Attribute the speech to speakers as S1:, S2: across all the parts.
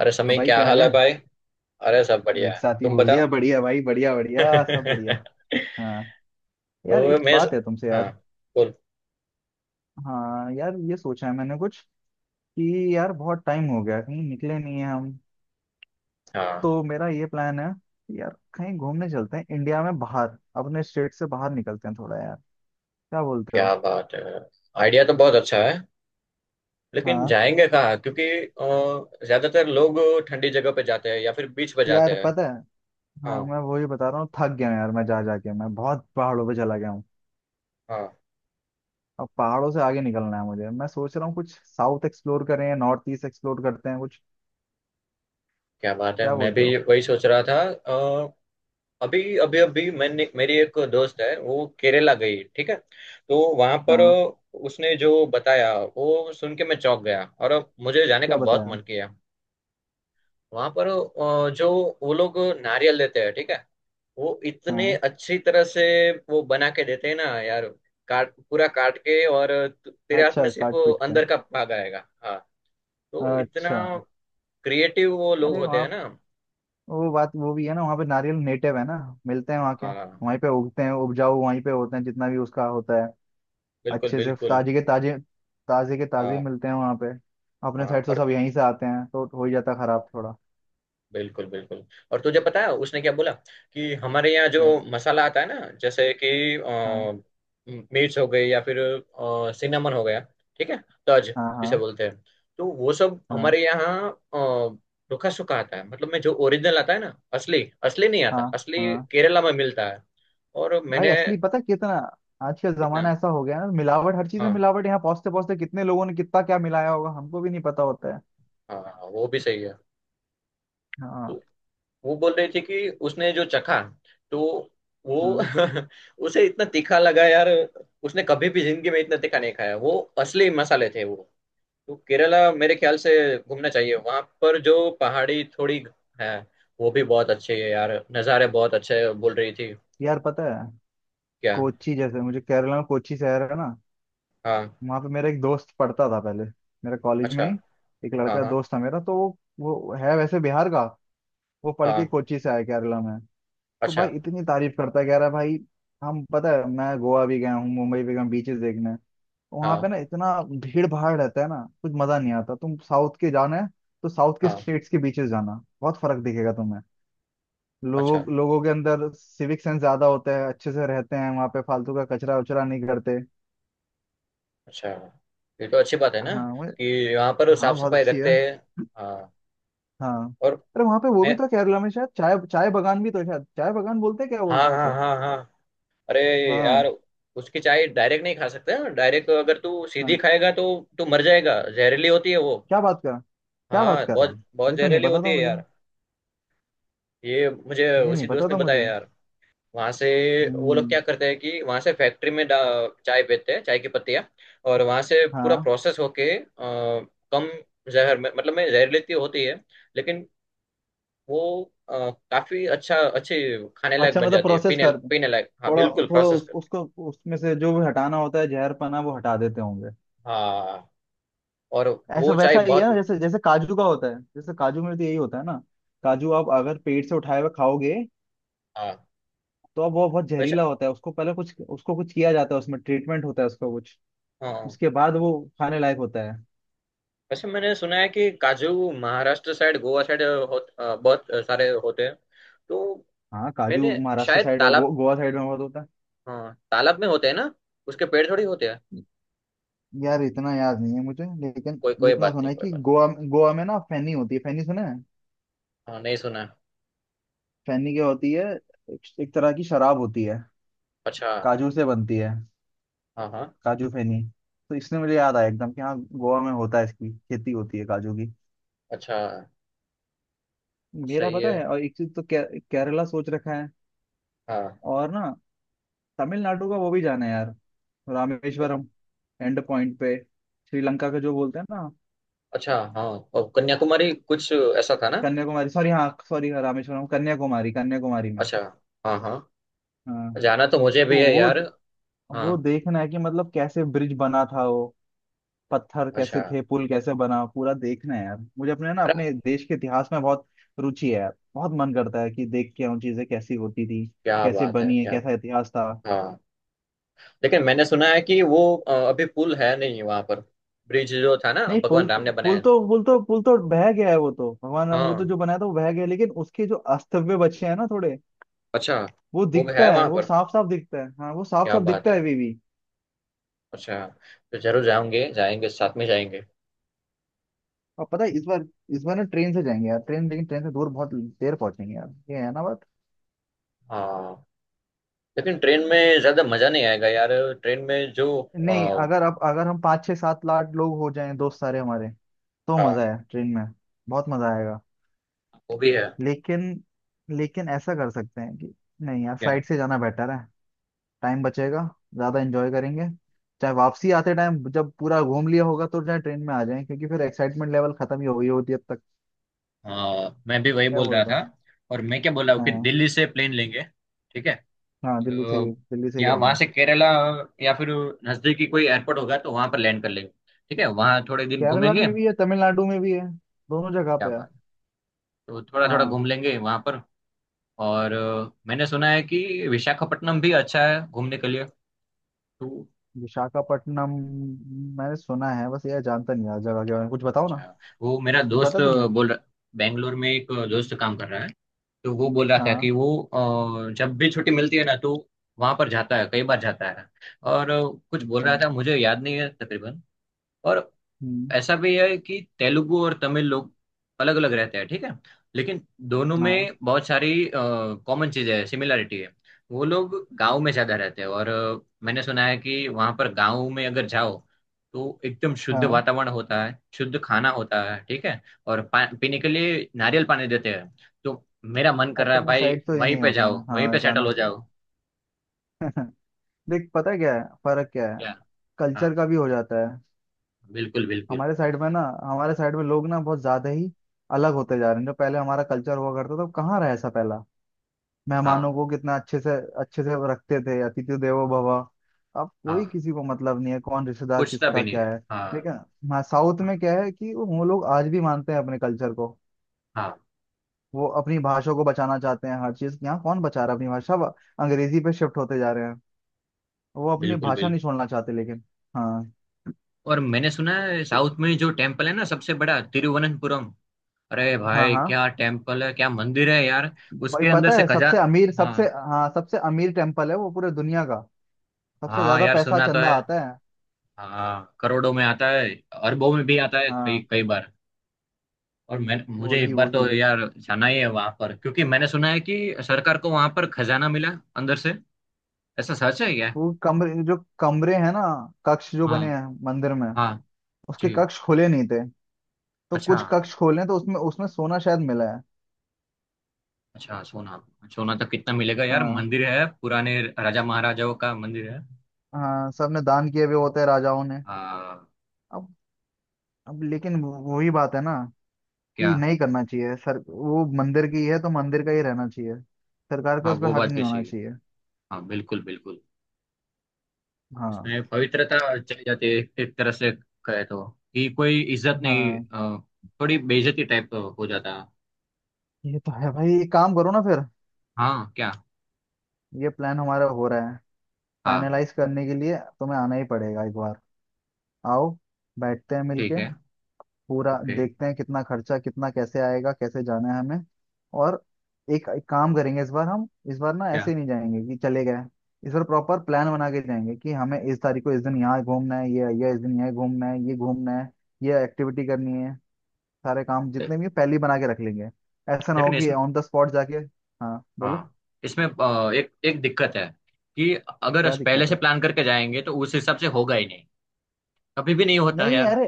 S1: अरे
S2: तो
S1: समय
S2: भाई
S1: क्या
S2: क्या हाल
S1: हाल है
S2: है।
S1: भाई। अरे सब
S2: अरे
S1: बढ़िया
S2: एक
S1: है,
S2: साथ ही
S1: तुम
S2: बोल
S1: बताओ।
S2: दिया, बढ़िया भाई, बढ़िया बढ़िया सब बढ़िया।
S1: तो
S2: हाँ, यार एक
S1: मैं,
S2: बात है तुमसे
S1: हाँ,
S2: यार।
S1: बोल।
S2: हाँ यार, ये सोचा है मैंने कुछ कि यार बहुत टाइम हो गया, कहीं निकले नहीं है हम।
S1: हाँ,
S2: तो मेरा ये प्लान है कि यार कहीं घूमने चलते हैं इंडिया में, बाहर अपने स्टेट से बाहर निकलते हैं थोड़ा यार। क्या बोलते
S1: क्या
S2: हो?
S1: बात है। आइडिया तो बहुत अच्छा है, लेकिन
S2: हाँ।
S1: जाएंगे कहाँ क्योंकि ज्यादातर लोग ठंडी जगह पे जाते हैं या फिर बीच पे जाते
S2: यार
S1: हैं।
S2: पता है, हाँ
S1: हाँ
S2: मैं वही बता रहा हूँ, थक गया हूँ यार मैं, जा जाके मैं बहुत पहाड़ों पे चला गया हूँ।
S1: हाँ,
S2: अब पहाड़ों से आगे निकलना है मुझे, मैं सोच रहा हूँ कुछ साउथ एक्सप्लोर करें, नॉर्थ ईस्ट एक्सप्लोर करते हैं कुछ।
S1: क्या बात है,
S2: क्या
S1: मैं भी
S2: बोलते हो?
S1: वही सोच रहा था। अभी अभी अभी मैंने, मेरी एक दोस्त है, वो केरला गई, ठीक है। तो वहां पर
S2: हाँ।
S1: उसने जो बताया वो सुन के मैं चौंक गया, और मुझे जाने का
S2: क्या
S1: बहुत
S2: बताया?
S1: मन किया। वहां पर जो वो लोग नारियल लेते हैं, ठीक है। वो इतने
S2: हाँ,
S1: अच्छी तरह से वो बना के देते हैं ना यार, काट, पूरा काट के, और तेरे हाथ में
S2: अच्छा
S1: सिर्फ
S2: काट
S1: वो
S2: पीट के।
S1: अंदर का भाग आएगा, हाँ। तो इतना
S2: अच्छा।
S1: क्रिएटिव वो लोग
S2: अरे
S1: होते
S2: वहाँ
S1: हैं ना।
S2: वो बात वो भी है ना, वहाँ पे नारियल नेटिव है ना, मिलते हैं वहाँ के,
S1: हाँ,
S2: वहीं पे उगते हैं, उपजाऊ वहीं पे होते हैं, जितना भी उसका होता है
S1: बिल्कुल
S2: अच्छे से
S1: बिल्कुल।
S2: ताजे के ताजे, ताजे के ताजे
S1: हाँ
S2: मिलते हैं वहाँ पे। अपने
S1: हाँ,
S2: साइड तो
S1: और
S2: सब यहीं से आते हैं, तो हो ही जाता खराब थोड़ा।
S1: बिल्कुल बिल्कुल। और तुझे पता है उसने क्या बोला? कि हमारे यहाँ
S2: क्या?
S1: जो मसाला आता है ना, जैसे कि
S2: हाँ
S1: मिर्च हो गई, या फिर सिनेमन हो गया, ठीक है, तज
S2: हाँ
S1: जिसे
S2: हाँ
S1: बोलते हैं। तो वो सब
S2: हाँ
S1: हमारे यहाँ रुखा सूखा आता है, मतलब में जो ओरिजिनल आता है ना, असली, असली नहीं
S2: हाँ
S1: आता, असली
S2: हाँ।
S1: केरला में मिलता है। और
S2: भाई
S1: मैंने,
S2: असली पता कितना। आज का
S1: कितना?
S2: जमाना ऐसा हो गया है ना, मिलावट, हर चीज में
S1: हाँ
S2: मिलावट, यहाँ पहुंचते पहुंचते कितने लोगों ने कितना क्या मिलाया होगा, हमको भी नहीं पता होता है।
S1: हाँ हाँ, वो भी सही है।
S2: हाँ।
S1: तो वो बोल रहे थे कि उसने जो चखा, तो वो
S2: हाँ।
S1: उसे इतना तीखा लगा यार। उसने कभी भी जिंदगी में इतना तीखा नहीं खाया, वो असली मसाले थे वो। तो केरला मेरे ख्याल से घूमना चाहिए, वहां पर जो पहाड़ी थोड़ी है वो भी बहुत अच्छी है यार, नज़ारे बहुत अच्छे हैं, बोल रही थी।
S2: यार पता है,
S1: क्या?
S2: कोची जैसे, मुझे केरला में कोची शहर है ना,
S1: हाँ,
S2: वहाँ पे मेरा एक दोस्त पढ़ता था पहले, मेरे कॉलेज
S1: अच्छा,
S2: में ही। एक
S1: हाँ
S2: लड़का
S1: हाँ
S2: दोस्त था मेरा, तो वो है वैसे बिहार का। वो पढ़ के
S1: हाँ,
S2: कोची से आया केरला में। तो
S1: अच्छा,
S2: भाई इतनी तारीफ करता है, कह रहा है भाई, हम पता है मैं गोवा भी गया हूँ, मुंबई भी गया हूँ बीचेस देखने, तो वहाँ पे ना
S1: हाँ
S2: इतना भीड़ भाड़ रहता है ना, कुछ मजा नहीं आता। तुम साउथ के जाना है, तो साउथ के
S1: हाँ।
S2: स्टेट्स के बीचेस जाना, बहुत फर्क दिखेगा तुम्हें।
S1: अच्छा,
S2: लोगों लोगों के अंदर सिविक सेंस ज्यादा होता है, अच्छे से रहते हैं वहाँ पे, फालतू का कचरा उचरा नहीं करते।
S1: अच्छा, ये तो अच्छी बात है ना,
S2: हाँ।
S1: कि यहाँ पर
S2: हाँ
S1: साफ
S2: बहुत
S1: सफाई
S2: अच्छी है।
S1: रखते हैं। हाँ,
S2: हाँ।
S1: और
S2: अरे वहाँ पे वो भी
S1: मैं,
S2: तो है, केरला में शायद चाय, चाय बगान भी तो है शायद, चाय बगान बोलते हैं क्या बोलते
S1: हाँ
S2: हैं
S1: हाँ
S2: उसे?
S1: हाँ हाँ, अरे यार,
S2: हाँ
S1: उसकी चाय डायरेक्ट नहीं खा सकते, डायरेक्ट अगर तू सीधी
S2: हाँ।
S1: खाएगा तो तू मर जाएगा, जहरीली होती है वो।
S2: क्या बात कर? क्या बात
S1: हाँ,
S2: कर रहा है?
S1: बहुत बहुत
S2: ये तो नहीं
S1: जहरीली
S2: पता
S1: होती
S2: था
S1: है
S2: मुझे।
S1: यार। ये मुझे
S2: ये नहीं
S1: उसी
S2: पता
S1: दोस्त ने
S2: था
S1: बताया
S2: मुझे।
S1: यार। वहां से वो लोग
S2: हम्म।
S1: क्या करते हैं कि वहां से फैक्ट्री में चाय बेचते हैं, चाय की पत्तियां। और वहां से पूरा
S2: हाँ।
S1: प्रोसेस होके कम जहर में, मतलब में जहरीली तो होती है लेकिन वो अ, काफी अच्छा, अच्छी, खाने लायक
S2: अच्छा
S1: बन
S2: मतलब
S1: जाती है,
S2: प्रोसेस
S1: पीने
S2: कर
S1: पीने लायक, हाँ
S2: थोड़ा,
S1: बिल्कुल,
S2: थोड़ा
S1: प्रोसेस
S2: उस,
S1: करके।
S2: उसको उसमें से जो भी हटाना होता है जहरपना वो हटा देते होंगे।
S1: हाँ, और
S2: ऐसा
S1: वो चाय
S2: वैसा ही है
S1: बहुत,
S2: ना, जैसे जैसे काजू का होता है, जैसे काजू में तो यही होता है ना। काजू आप अगर पेट से उठाए हुए खाओगे
S1: हाँ
S2: तो अब वो बहुत
S1: वैसे,
S2: जहरीला होता है, उसको पहले कुछ, उसको कुछ किया जाता है, उसमें ट्रीटमेंट होता है उसका कुछ।
S1: हाँ हाँ।
S2: उसके बाद वो खाने लायक होता है।
S1: वैसे मैंने सुना है कि काजू महाराष्ट्र साइड, गोवा साइड हो, बहुत सारे होते हैं। तो
S2: हाँ काजू
S1: मैंने,
S2: महाराष्ट्र
S1: शायद
S2: साइड और गो,
S1: तालाब,
S2: गोवा साइड में बहुत होता
S1: हाँ तालाब में होते हैं ना, उसके पेड़ थोड़ी होते हैं।
S2: है। यार इतना याद नहीं है मुझे, लेकिन
S1: कोई
S2: ये
S1: कोई
S2: इतना
S1: बात
S2: सुना
S1: नहीं,
S2: है
S1: कोई
S2: कि
S1: बात नहीं।
S2: गोवा, गोवा में ना फैनी होती है, फैनी सुना है?
S1: हाँ, नहीं सुना,
S2: फैनी क्या होती है? एक एक तरह की शराब होती है,
S1: अच्छा,
S2: काजू से बनती है,
S1: हाँ हाँ,
S2: काजू फेनी। तो इसने मुझे याद आया एकदम कि हाँ गोवा में होता है, इसकी खेती होती है काजू की।
S1: अच्छा,
S2: मेरा
S1: सही
S2: पता
S1: है,
S2: है और एक चीज तो केरला सोच रखा है।
S1: हाँ,
S2: और ना तमिलनाडु का वो भी जाना है यार, रामेश्वरम, एंड पॉइंट पे, श्रीलंका का जो बोलते हैं ना,
S1: अच्छा, हाँ। और कन्याकुमारी कुछ ऐसा था ना?
S2: कन्याकुमारी, सॉरी हाँ सॉरी, रामेश्वरम कन्याकुमारी, कन्याकुमारी में।
S1: अच्छा, हाँ हाँ,
S2: हाँ।
S1: जाना तो मुझे
S2: तो
S1: भी है
S2: वो
S1: यार।
S2: वो
S1: हाँ,
S2: देखना है कि मतलब कैसे ब्रिज बना था वो, पत्थर
S1: अच्छा,
S2: कैसे थे, पुल कैसे बना, पूरा देखना है यार मुझे। अपने ना
S1: अरे,
S2: अपने देश के इतिहास में बहुत रुचि है यार, बहुत मन करता है कि देख के आऊँ चीजें कैसी होती थी,
S1: क्या
S2: कैसे
S1: बात है,
S2: बनी है,
S1: क्या?
S2: कैसा इतिहास था।
S1: हाँ, लेकिन मैंने सुना है कि वो अभी पुल है नहीं वहां पर, ब्रिज जो था ना
S2: नहीं
S1: भगवान
S2: पुल तो
S1: राम ने
S2: पुल
S1: बनाया।
S2: तो पुल तो पुल तो बह गया है, वो तो भगवान राम, वो तो
S1: हाँ,
S2: जो बनाया था वो बह गया, लेकिन उसके जो अस्तित्व बचे हैं ना थोड़े,
S1: अच्छा,
S2: वो
S1: वो भी
S2: दिखता
S1: है
S2: है,
S1: वहां
S2: वो
S1: पर?
S2: साफ साफ दिखता है। हाँ वो साफ
S1: क्या
S2: साफ
S1: बात
S2: दिखता
S1: है,
S2: है अभी भी।
S1: अच्छा। तो जरूर जाएंगे, जाएंगे साथ में जाएंगे।
S2: और पता है इस बार, इस बार ना ट्रेन से जाएंगे यार ट्रेन, लेकिन ट्रेन से दूर बहुत देर पहुंचेंगे यार ये है ना बात।
S1: हाँ, लेकिन ट्रेन में ज्यादा मजा नहीं आएगा यार। ट्रेन में जो
S2: नहीं, अगर आप, अगर हम 5-6-7 लाख लोग हो जाएं दोस्त सारे हमारे, तो
S1: अ,
S2: मजा है ट्रेन में, बहुत मजा आएगा।
S1: वो भी है।
S2: लेकिन लेकिन ऐसा कर सकते हैं कि नहीं, यार
S1: क्या?
S2: फ्लाइट से जाना बेटर है, टाइम बचेगा, ज्यादा एंजॉय करेंगे। चाहे वापसी आते टाइम जब पूरा घूम लिया होगा तो चाहे ट्रेन में आ जाएं, क्योंकि फिर एक्साइटमेंट लेवल खत्म ही हो गई होती है अब तक।
S1: हाँ, मैं भी वही
S2: क्या
S1: बोल
S2: बोल
S1: रहा
S2: रहा
S1: था।
S2: हूँ?
S1: और मैं क्या बोल रहा हूँ कि
S2: हाँ।
S1: दिल्ली से प्लेन लेंगे, ठीक है।
S2: हाँ दिल्ली से
S1: और
S2: ही, दिल्ली से ही
S1: या वहां
S2: करेंगे।
S1: से केरला, या फिर नजदीकी कोई एयरपोर्ट होगा तो वहां पर लैंड कर लेंगे, ठीक है, वहां थोड़े दिन
S2: केरला
S1: घूमेंगे।
S2: में भी है, तमिलनाडु में भी है, दोनों जगह
S1: क्या
S2: पे है।
S1: बात। तो थोड़ा थोड़ा
S2: हाँ।
S1: घूम लेंगे वहां पर। और मैंने सुना है कि विशाखापट्टनम भी अच्छा है घूमने के लिए। तो
S2: विशाखापट्टनम मैंने सुना है बस, यार जानता नहीं यार, जगह के बारे में कुछ बताओ ना,
S1: अच्छा, वो मेरा
S2: कुछ पता
S1: दोस्त
S2: तुम्हें?
S1: बोल रहा, बैंगलोर में एक दोस्त काम कर रहा है, तो वो बोल रहा था
S2: हाँ।
S1: कि वो जब भी छुट्टी मिलती है ना, तो वहां पर जाता है, कई बार जाता है। और कुछ बोल
S2: अच्छा।
S1: रहा था, मुझे याद नहीं है तकरीबन। और
S2: हम्म।
S1: ऐसा भी है कि तेलुगु और तमिल लोग अलग अलग रहते हैं, ठीक है। लेकिन दोनों
S2: हाँ।
S1: में बहुत सारी कॉमन चीजें हैं, सिमिलरिटी है। वो लोग गांव में ज्यादा रहते हैं और मैंने सुना है कि वहां पर गांव में अगर जाओ तो एकदम शुद्ध
S2: हाँ।
S1: वातावरण होता है, शुद्ध खाना होता है, ठीक है। और पीने के लिए नारियल पानी देते हैं। तो मेरा मन कर रहा है
S2: अपने
S1: भाई
S2: साइड तो ये
S1: वहीं
S2: नहीं
S1: पे
S2: होता है।
S1: जाओ, वहीं
S2: हाँ
S1: पे सेटल
S2: जाना
S1: हो
S2: चाहिए।
S1: जाओ।
S2: देख पता है क्या है, फर्क क्या है,
S1: क्या? हाँ,
S2: कल्चर का भी हो जाता है।
S1: बिल्कुल बिल्कुल।
S2: हमारे साइड में ना, हमारे साइड में लोग ना बहुत ज्यादा ही अलग होते जा रहे हैं। जो पहले हमारा कल्चर हुआ करता था वो कहाँ रहा, ऐसा पहला मेहमानों
S1: हाँ
S2: को कितना अच्छे से, अच्छे से वो रखते थे, अतिथि देवो भव। अब कोई
S1: हाँ,
S2: किसी को मतलब नहीं है, कौन रिश्तेदार
S1: पूछता भी
S2: किसका
S1: नहीं
S2: क्या
S1: है,
S2: है।
S1: हाँ।
S2: लेकिन हाँ साउथ
S1: हाँ
S2: में क्या है कि वो लोग आज भी मानते हैं अपने कल्चर को,
S1: हाँ,
S2: वो अपनी भाषा को बचाना चाहते हैं हर चीज। यहाँ कौन बचा रहा है अपनी भाषा, सब अंग्रेजी पे शिफ्ट होते जा रहे हैं, वो अपनी
S1: बिल्कुल
S2: भाषा नहीं
S1: बिल्कुल।
S2: छोड़ना चाहते लेकिन। हाँ।
S1: और मैंने सुना है
S2: तो
S1: साउथ में जो टेम्पल है ना सबसे बड़ा, तिरुवनंतपुरम। अरे
S2: हाँ
S1: भाई,
S2: हाँ।
S1: क्या टेम्पल है, क्या मंदिर है यार।
S2: भाई
S1: उसके अंदर
S2: पता
S1: से
S2: है
S1: खजा
S2: सबसे अमीर सबसे,
S1: हाँ,
S2: हाँ सबसे अमीर टेम्पल है वो पूरे दुनिया का, सबसे
S1: हाँ
S2: ज्यादा
S1: यार,
S2: पैसा
S1: सुना तो
S2: चंदा
S1: है।
S2: आता है।
S1: हाँ, करोड़ों में आता है, अरबों में भी आता है कई
S2: हाँ।
S1: कई बार। और मैं, मुझे
S2: वही
S1: एक बार तो
S2: वही
S1: यार जाना ही है वहां पर, क्योंकि मैंने सुना है कि सरकार को वहां पर खजाना मिला अंदर से, ऐसा सच है क्या?
S2: वो कमरे, जो कमरे हैं ना, कक्ष जो बने
S1: हाँ,
S2: हैं मंदिर में,
S1: हाँ,
S2: उसके
S1: जी,
S2: कक्ष खोले नहीं थे। तो
S1: अच्छा,
S2: कुछ कक्ष खोले तो उसमें, उसमें सोना शायद मिला है।
S1: अच्छा, सोना। सोना तो कितना मिलेगा यार,
S2: हाँ।
S1: मंदिर है, पुराने राजा महाराजाओं का मंदिर है।
S2: हाँ सबने दान किए हुए होते हैं राजाओं ने।
S1: हाँ,
S2: अब अब लेकिन वही बात है ना
S1: क्या?
S2: कि नहीं करना चाहिए सर, वो मंदिर की है तो मंदिर का ही रहना चाहिए। सरकार का
S1: हाँ,
S2: उस
S1: वो
S2: पर हक
S1: बात
S2: नहीं
S1: भी
S2: होना
S1: सही है,
S2: चाहिए।
S1: हाँ, बिल्कुल बिल्कुल।
S2: हाँ।
S1: इसमें पवित्रता चली जाती है एक एक तरह से, कहे तो, कि कोई इज्जत नहीं,
S2: हाँ
S1: अ, थोड़ी बेइज्जती टाइप हो जाता है।
S2: ये तो है भाई, एक काम करो ना फिर,
S1: हाँ, क्या?
S2: ये प्लान हमारा हो रहा है,
S1: हाँ,
S2: फाइनलाइज करने के लिए तुम्हें आना ही पड़ेगा एक बार। आओ बैठते हैं
S1: ठीक
S2: मिलके,
S1: है,
S2: पूरा
S1: ओके।
S2: देखते हैं कितना खर्चा, कितना कैसे आएगा, कैसे जाना है हमें। और एक काम करेंगे इस बार हम। इस बार ना
S1: क्या?
S2: ऐसे ही नहीं जाएंगे कि चले गए, इस बार प्रॉपर प्लान बना के जाएंगे कि हमें इस तारीख को इस दिन यहाँ घूमना है, ये इस दिन यहाँ घूमना है, ये घूमना है, ये एक्टिविटी करनी है। सारे काम
S1: ले,
S2: जितने भी हैं, पहले ही बना के रख लेंगे। ऐसा ना हो
S1: लेकिन
S2: कि
S1: इसमें,
S2: ऑन द स्पॉट जाके, हाँ बोलो।
S1: हाँ, इसमें एक एक दिक्कत है कि अगर
S2: क्या
S1: अस पहले
S2: दिक्कत
S1: से
S2: है?
S1: प्लान करके जाएंगे तो उस हिसाब से होगा ही नहीं, कभी भी नहीं होता है
S2: नहीं
S1: यार।
S2: अरे,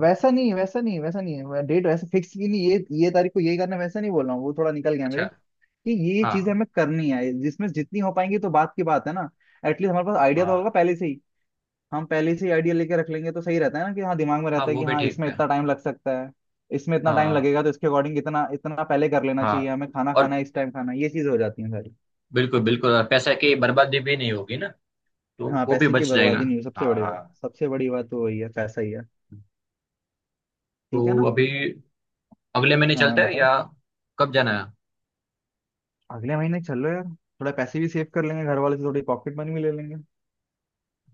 S2: वैसा नहीं वैसा नहीं वैसा नहीं है, डेट वैसे फिक्स की नहीं, ये ये तारीख को यही करना है, वैसा नहीं बोल रहा हूँ, वो थोड़ा निकल गया मेरे,
S1: अच्छा,
S2: कि ये चीजें
S1: हाँ
S2: हमें करनी है, जिसमें जितनी हो पाएंगी तो बात की बात है ना। एटलीस्ट हमारे पास आइडिया तो
S1: हाँ
S2: होगा पहले से ही। हम पहले से ही आइडिया लेके रख लेंगे तो सही रहता है ना, कि हाँ दिमाग में
S1: हाँ,
S2: रहता है
S1: वो
S2: कि
S1: भी
S2: हाँ
S1: ठीक
S2: इसमें
S1: है।
S2: इतना टाइम लग सकता है, इसमें इतना टाइम
S1: हाँ
S2: लगेगा, तो इसके अकॉर्डिंग इतना इतना पहले कर लेना
S1: हाँ,
S2: चाहिए हमें, खाना
S1: और
S2: खाना है इस टाइम, खाना है ये चीजें हो जाती हैं सारी।
S1: बिल्कुल बिल्कुल, और पैसे की बर्बादी भी नहीं होगी ना, तो
S2: हाँ
S1: वो भी
S2: पैसे की
S1: बच जाएगा।
S2: बर्बादी नहीं हो,
S1: हाँ,
S2: सबसे बड़ी बात तो वही है पैसा ही है। ठीक है
S1: तो
S2: ना।
S1: अभी अगले महीने
S2: हाँ
S1: चलते हैं,
S2: बताओ।
S1: या कब जाना है?
S2: अगले महीने चल लो यार, थोड़ा पैसे भी सेव कर लेंगे, घर वाले से थोड़ी पॉकेट मनी भी ले लेंगे।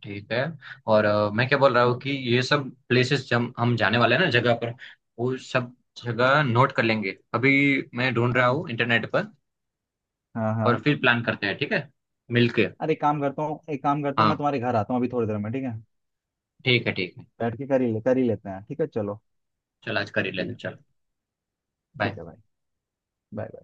S1: ठीक है, और मैं क्या बोल रहा हूँ
S2: हाँ
S1: कि ये सब प्लेसेस जब हम जाने वाले हैं ना जगह पर, वो सब जगह नोट कर लेंगे अभी, मैं ढूंढ रहा
S2: हाँ
S1: हूँ इंटरनेट पर,
S2: हाँ
S1: और
S2: हाँ।
S1: फिर प्लान करते हैं, ठीक है, मिलके।
S2: अरे एक काम करता हूँ, एक काम करता हूँ मैं,
S1: हाँ,
S2: तुम्हारे घर आता हूँ अभी थोड़ी देर में ठीक है।
S1: ठीक है, ठीक है।
S2: बैठ के कर ही ले, कर ही लेते हैं, ठीक है चलो।
S1: चल, आज कर ही लेते हैं,
S2: ठीक है,
S1: चल,
S2: ठीक
S1: बाय।
S2: है भाई, बाय बाय।